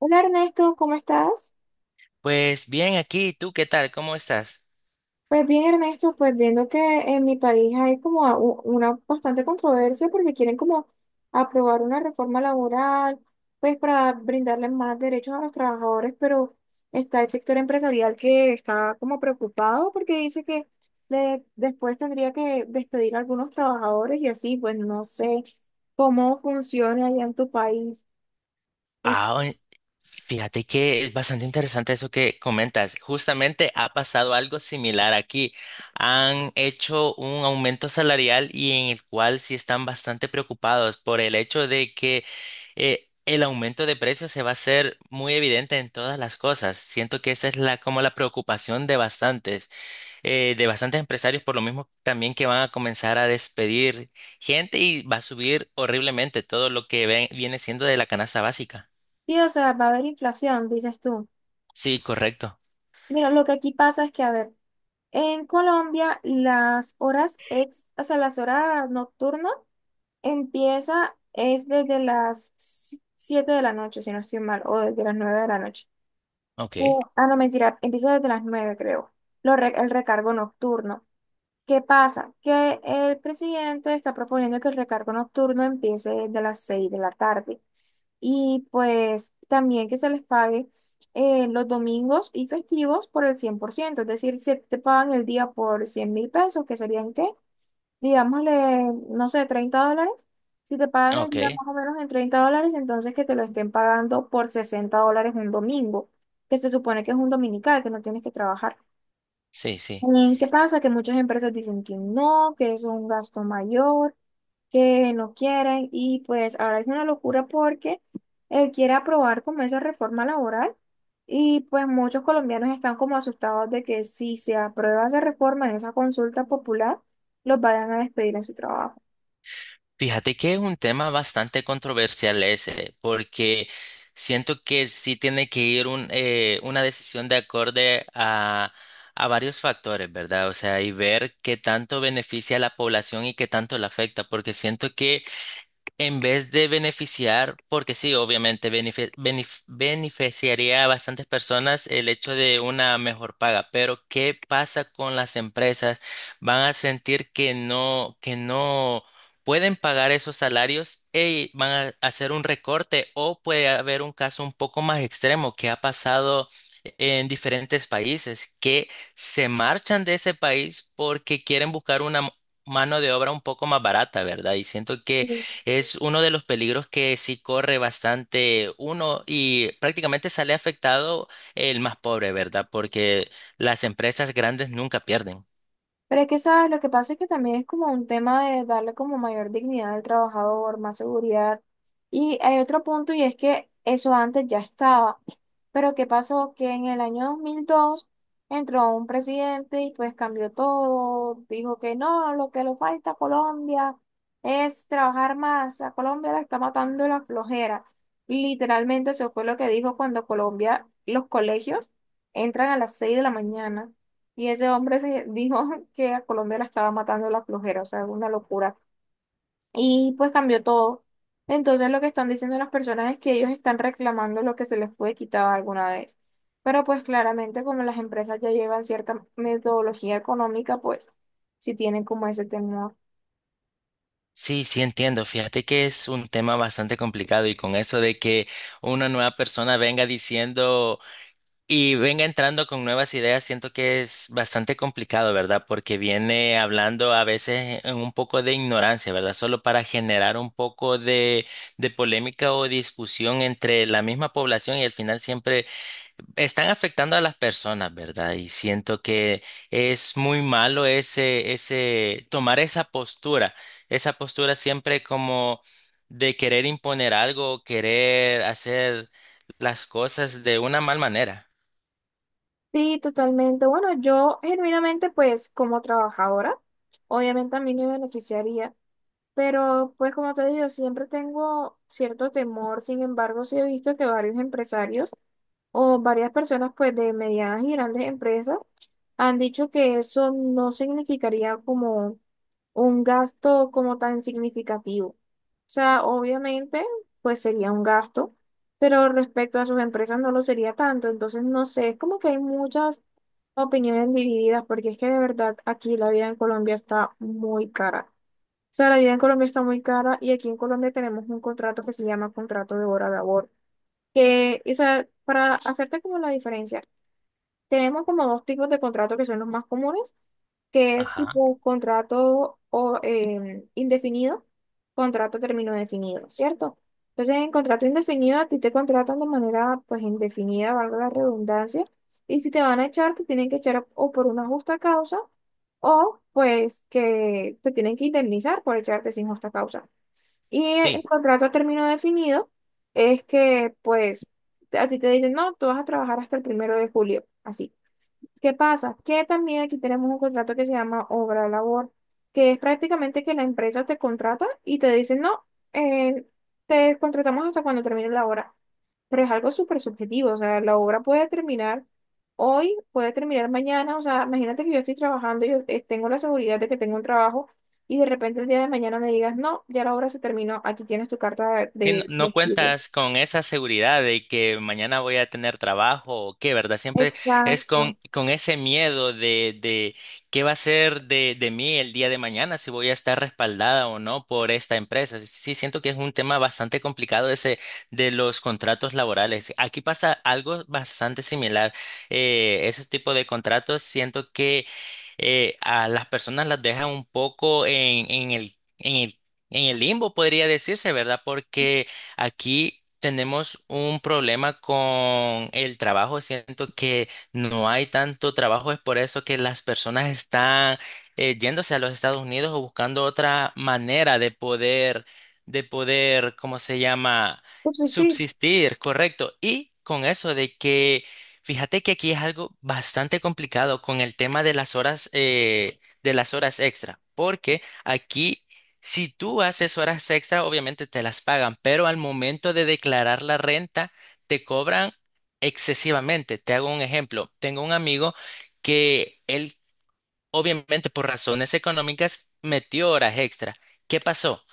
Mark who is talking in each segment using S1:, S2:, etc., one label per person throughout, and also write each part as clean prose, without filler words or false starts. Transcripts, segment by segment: S1: Hola Ernesto, ¿cómo estás?
S2: Pues bien, aquí, ¿tú qué tal? ¿Cómo estás?
S1: Pues bien Ernesto, pues viendo que en mi país hay como una bastante controversia porque quieren como aprobar una reforma laboral, pues para brindarle más derechos a los trabajadores, pero está el sector empresarial que está como preocupado porque dice que después tendría que despedir a algunos trabajadores y así, pues no sé cómo funciona allá en tu país. Es,
S2: Ah, oye, fíjate que es bastante interesante eso que comentas. Justamente ha pasado algo similar aquí. Han hecho un aumento salarial y en el cual sí están bastante preocupados por el hecho de que el aumento de precios se va a hacer muy evidente en todas las cosas. Siento que esa es la como la preocupación de bastantes empresarios por lo mismo también que van a comenzar a despedir gente y va a subir horriblemente todo lo que viene siendo de la canasta básica.
S1: sí, o sea, va a haber inflación, dices tú.
S2: Sí, correcto.
S1: Mira, lo que aquí pasa es que, a ver, en Colombia, las horas ex, o sea, las horas nocturnas empieza es desde las 7 de la noche, si no estoy mal, o desde las 9 de la noche.
S2: Ok,
S1: Eh, ah, no, mentira, empieza desde las 9 creo. El recargo nocturno. ¿Qué pasa? Que el presidente está proponiendo que el recargo nocturno empiece desde las 6 de la tarde y pues también que se les pague los domingos y festivos por el 100%, es decir, si te pagan el día por 100.000 pesos, que serían qué, digámosle, no sé, $30, si te pagan
S2: ok,
S1: el día más o menos en $30, entonces que te lo estén pagando por $60 un domingo, que se supone que es un dominical, que no tienes que trabajar.
S2: sí, sí.
S1: Mm, ¿qué pasa? Que muchas empresas dicen que no, que es un gasto mayor, que no quieren y pues ahora es una locura porque él quiere aprobar como esa reforma laboral y pues muchos colombianos están como asustados de que si se aprueba esa reforma en esa consulta popular, los vayan a despedir en su trabajo.
S2: Fíjate que es un tema bastante controversial ese, porque siento que sí tiene que ir una decisión de acorde a varios factores, ¿verdad? O sea, y ver qué tanto beneficia a la población y qué tanto la afecta, porque siento que en vez de beneficiar, porque sí, obviamente beneficiaría a bastantes personas el hecho de una mejor paga, pero ¿qué pasa con las empresas? Van a sentir que no pueden pagar esos salarios y van a hacer un recorte o puede haber un caso un poco más extremo que ha pasado en diferentes países, que se marchan de ese país porque quieren buscar una mano de obra un poco más barata, ¿verdad? Y siento que es uno de los peligros que sí corre bastante uno y prácticamente sale afectado el más pobre, ¿verdad? Porque las empresas grandes nunca pierden.
S1: Pero es que, ¿sabes? Lo que pasa es que también es como un tema de darle como mayor dignidad al trabajador, más seguridad. Y hay otro punto y es que eso antes ya estaba. Pero ¿qué pasó? Que en el año 2002 entró un presidente y pues cambió todo. Dijo que no, lo que le falta a Colombia es trabajar más. A Colombia la está matando la flojera. Literalmente eso fue lo que dijo cuando Colombia, los colegios entran a las 6 de la mañana. Y ese hombre se dijo que a Colombia la estaba matando la flojera, o sea, una locura. Y pues cambió todo. Entonces lo que están diciendo las personas es que ellos están reclamando lo que se les fue quitado alguna vez. Pero pues claramente como las empresas ya llevan cierta metodología económica, pues sí tienen como ese temor.
S2: Sí, sí, entiendo. Fíjate que es un tema bastante complicado y con eso de que una nueva persona venga diciendo y venga entrando con nuevas ideas, siento que es bastante complicado, ¿verdad? Porque viene hablando a veces en un poco de ignorancia, ¿verdad? Solo para generar un poco de polémica o discusión entre la misma población y al final siempre están afectando a las personas, ¿verdad? Y siento que es muy malo tomar esa postura siempre como de querer imponer algo, querer hacer las cosas de una mal manera.
S1: Sí, totalmente. Bueno, yo genuinamente pues como trabajadora, obviamente a mí me beneficiaría. Pero pues como te digo, siempre tengo cierto temor, sin embargo, sí he visto que varios empresarios o varias personas pues de medianas y grandes empresas han dicho que eso no significaría como un gasto como tan significativo. O sea, obviamente pues sería un gasto, pero respecto a sus empresas no lo sería tanto. Entonces, no sé, es como que hay muchas opiniones divididas porque es que de verdad aquí la vida en Colombia está muy cara. O sea, la vida en Colombia está muy cara y aquí en Colombia tenemos un contrato que se llama contrato de hora labor, que, o sea, para hacerte como la diferencia, tenemos como dos tipos de contratos que son los más comunes, que es
S2: Ajá.
S1: tipo contrato o, indefinido, contrato a término definido, ¿cierto? Entonces, en contrato indefinido a ti te contratan de manera pues indefinida, valga la redundancia, y si te van a echar, te tienen que echar o por una justa causa o pues que te tienen que indemnizar por echarte sin justa causa. Y el
S2: Sí.
S1: contrato a término definido es que pues a ti te dicen, no, tú vas a trabajar hasta el primero de julio, así. ¿Qué pasa? Que también aquí tenemos un contrato que se llama obra labor, que es prácticamente que la empresa te contrata y te dice, no, eh, te contratamos hasta cuando termine la obra. Pero es algo súper subjetivo, o sea, la obra puede terminar hoy, puede terminar mañana, o sea, imagínate que yo estoy trabajando, yo tengo la seguridad de que tengo un trabajo y de repente el día de mañana me digas, no, ya la obra se terminó, aquí tienes tu carta de
S2: Sí, no,
S1: de
S2: no
S1: despido.
S2: cuentas con esa seguridad de que mañana voy a tener trabajo o qué, ¿verdad? Siempre es
S1: Exacto.
S2: con ese miedo de qué va a ser de mí el día de mañana, si voy a estar respaldada o no por esta empresa. Sí, sí, siento que es un tema bastante complicado ese de los contratos laborales. Aquí pasa algo bastante similar. Ese tipo de contratos siento que a las personas las dejan un poco en, en el limbo podría decirse, ¿verdad? Porque aquí tenemos un problema con el trabajo. Siento que no hay tanto trabajo. Es por eso que las personas están yéndose a los Estados Unidos o buscando otra manera de poder, ¿cómo se llama?
S1: Pues sí, sí.
S2: Subsistir, correcto. Y con eso de que, fíjate que aquí es algo bastante complicado con el tema de las horas extra. Porque aquí si tú haces horas extra, obviamente te las pagan, pero al momento de declarar la renta, te cobran excesivamente. Te hago un ejemplo. Tengo un amigo que él obviamente por razones económicas, metió horas extra. ¿Qué pasó?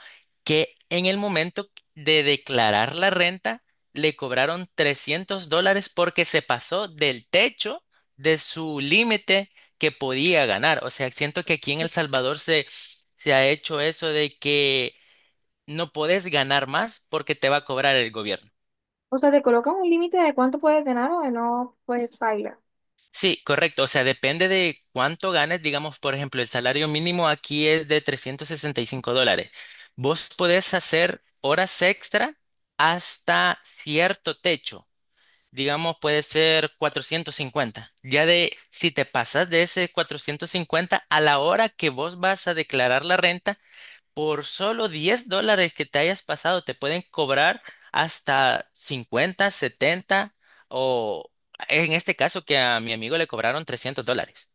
S2: Que en el momento de declarar la renta, le cobraron $300 porque se pasó del techo de su límite que podía ganar. O sea, siento que aquí en El Salvador se ha hecho eso de que no podés ganar más porque te va a cobrar el gobierno.
S1: O sea, te colocan un límite de cuánto puedes ganar o de no, puedes baila.
S2: Sí, correcto. O sea, depende de cuánto ganes. Digamos, por ejemplo, el salario mínimo aquí es de $365. Vos podés hacer horas extra hasta cierto techo. Digamos, puede ser 450. Ya de, si te pasas de ese 450 a la hora que vos vas a declarar la renta, por solo $10 que te hayas pasado, te pueden cobrar hasta 50, 70 o en este caso que a mi amigo le cobraron $300.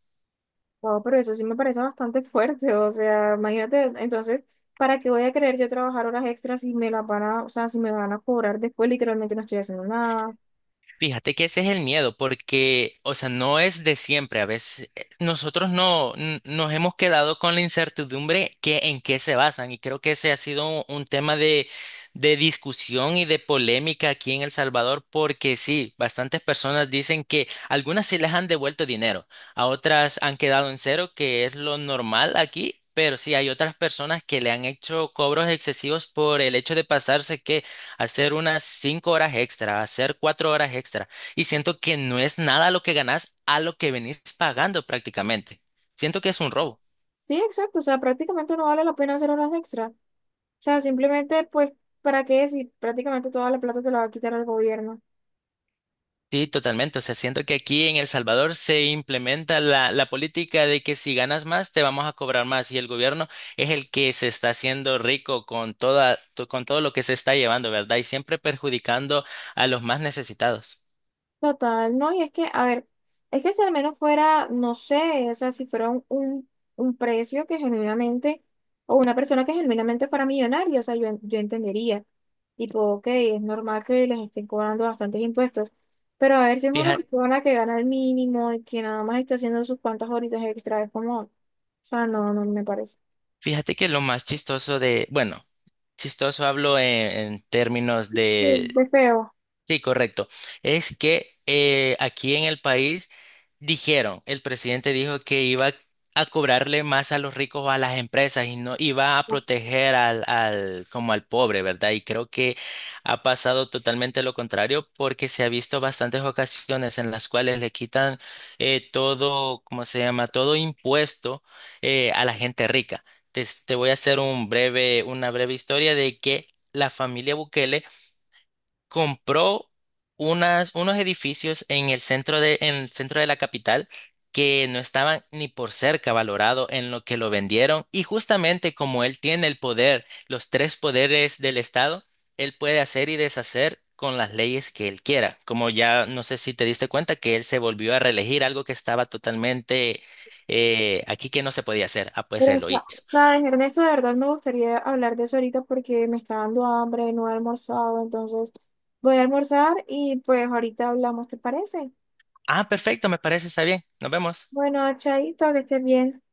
S1: Wow, pero eso sí me parece bastante fuerte. O sea, imagínate, entonces, ¿para qué voy a querer yo trabajar horas extras si me las van a, o sea, si me van a cobrar después? Literalmente no estoy haciendo nada.
S2: Fíjate que ese es el miedo, porque, o sea, no es de siempre. A veces nosotros no n- nos hemos quedado con la incertidumbre que en qué se basan. Y creo que ese ha sido un tema de, discusión y de polémica aquí en El Salvador, porque sí, bastantes personas dicen que algunas sí les han devuelto dinero, a otras han quedado en cero, que es lo normal aquí. Pero sí, hay otras personas que le han hecho cobros excesivos por el hecho de pasarse que hacer unas 5 horas extra, hacer 4 horas extra. Y siento que no es nada lo que ganas a lo que venís pagando prácticamente. Siento que es un robo.
S1: Sí, exacto. O sea, prácticamente no vale la pena hacer horas extras. O sea, simplemente, pues, ¿para qué si prácticamente toda la plata te la va a quitar el gobierno?
S2: Sí, totalmente. O sea, siento que aquí en El Salvador se implementa la política de que si ganas más, te vamos a cobrar más. Y el gobierno es el que se está haciendo rico con con todo lo que se está llevando, ¿verdad? Y siempre perjudicando a los más necesitados.
S1: Total, no, y es que, a ver, es que si al menos fuera, no sé, o sea, si fuera un precio que genuinamente, o una persona que genuinamente fuera millonaria, o sea, yo, yo entendería, tipo, ok, es normal que les estén cobrando bastantes impuestos, pero a ver si es una
S2: Fíjate,
S1: persona que gana el mínimo y que nada más está haciendo sus cuantas horitas extra, es como, o sea, no, no me parece.
S2: fíjate que lo más chistoso de, bueno, chistoso hablo en términos
S1: Sí,
S2: de
S1: de feo.
S2: sí, correcto. Es que aquí en el país dijeron, el presidente dijo que iba a cobrarle más a los ricos o a las empresas y no iba a proteger como al pobre, ¿verdad? Y creo que ha pasado totalmente lo contrario porque se ha visto bastantes ocasiones en las cuales le quitan todo, ¿cómo se llama? Todo impuesto a la gente rica. Te voy a hacer una breve historia de que la familia Bukele compró unas, unos edificios en el centro de la capital que no estaban ni por cerca valorado en lo que lo vendieron. Y justamente como él tiene el poder, los tres poderes del Estado, él puede hacer y deshacer con las leyes que él quiera. Como ya no sé si te diste cuenta que él se volvió a reelegir algo que estaba totalmente aquí que no se podía hacer. Ah, pues
S1: Pero,
S2: él lo hizo.
S1: sabes, Ernesto, de verdad me gustaría hablar de eso ahorita porque me está dando hambre, no he almorzado, entonces voy a almorzar y pues ahorita hablamos, ¿te parece?
S2: Ah, perfecto, me parece, está bien. Nos vemos.
S1: Bueno, chaito, que estés bien.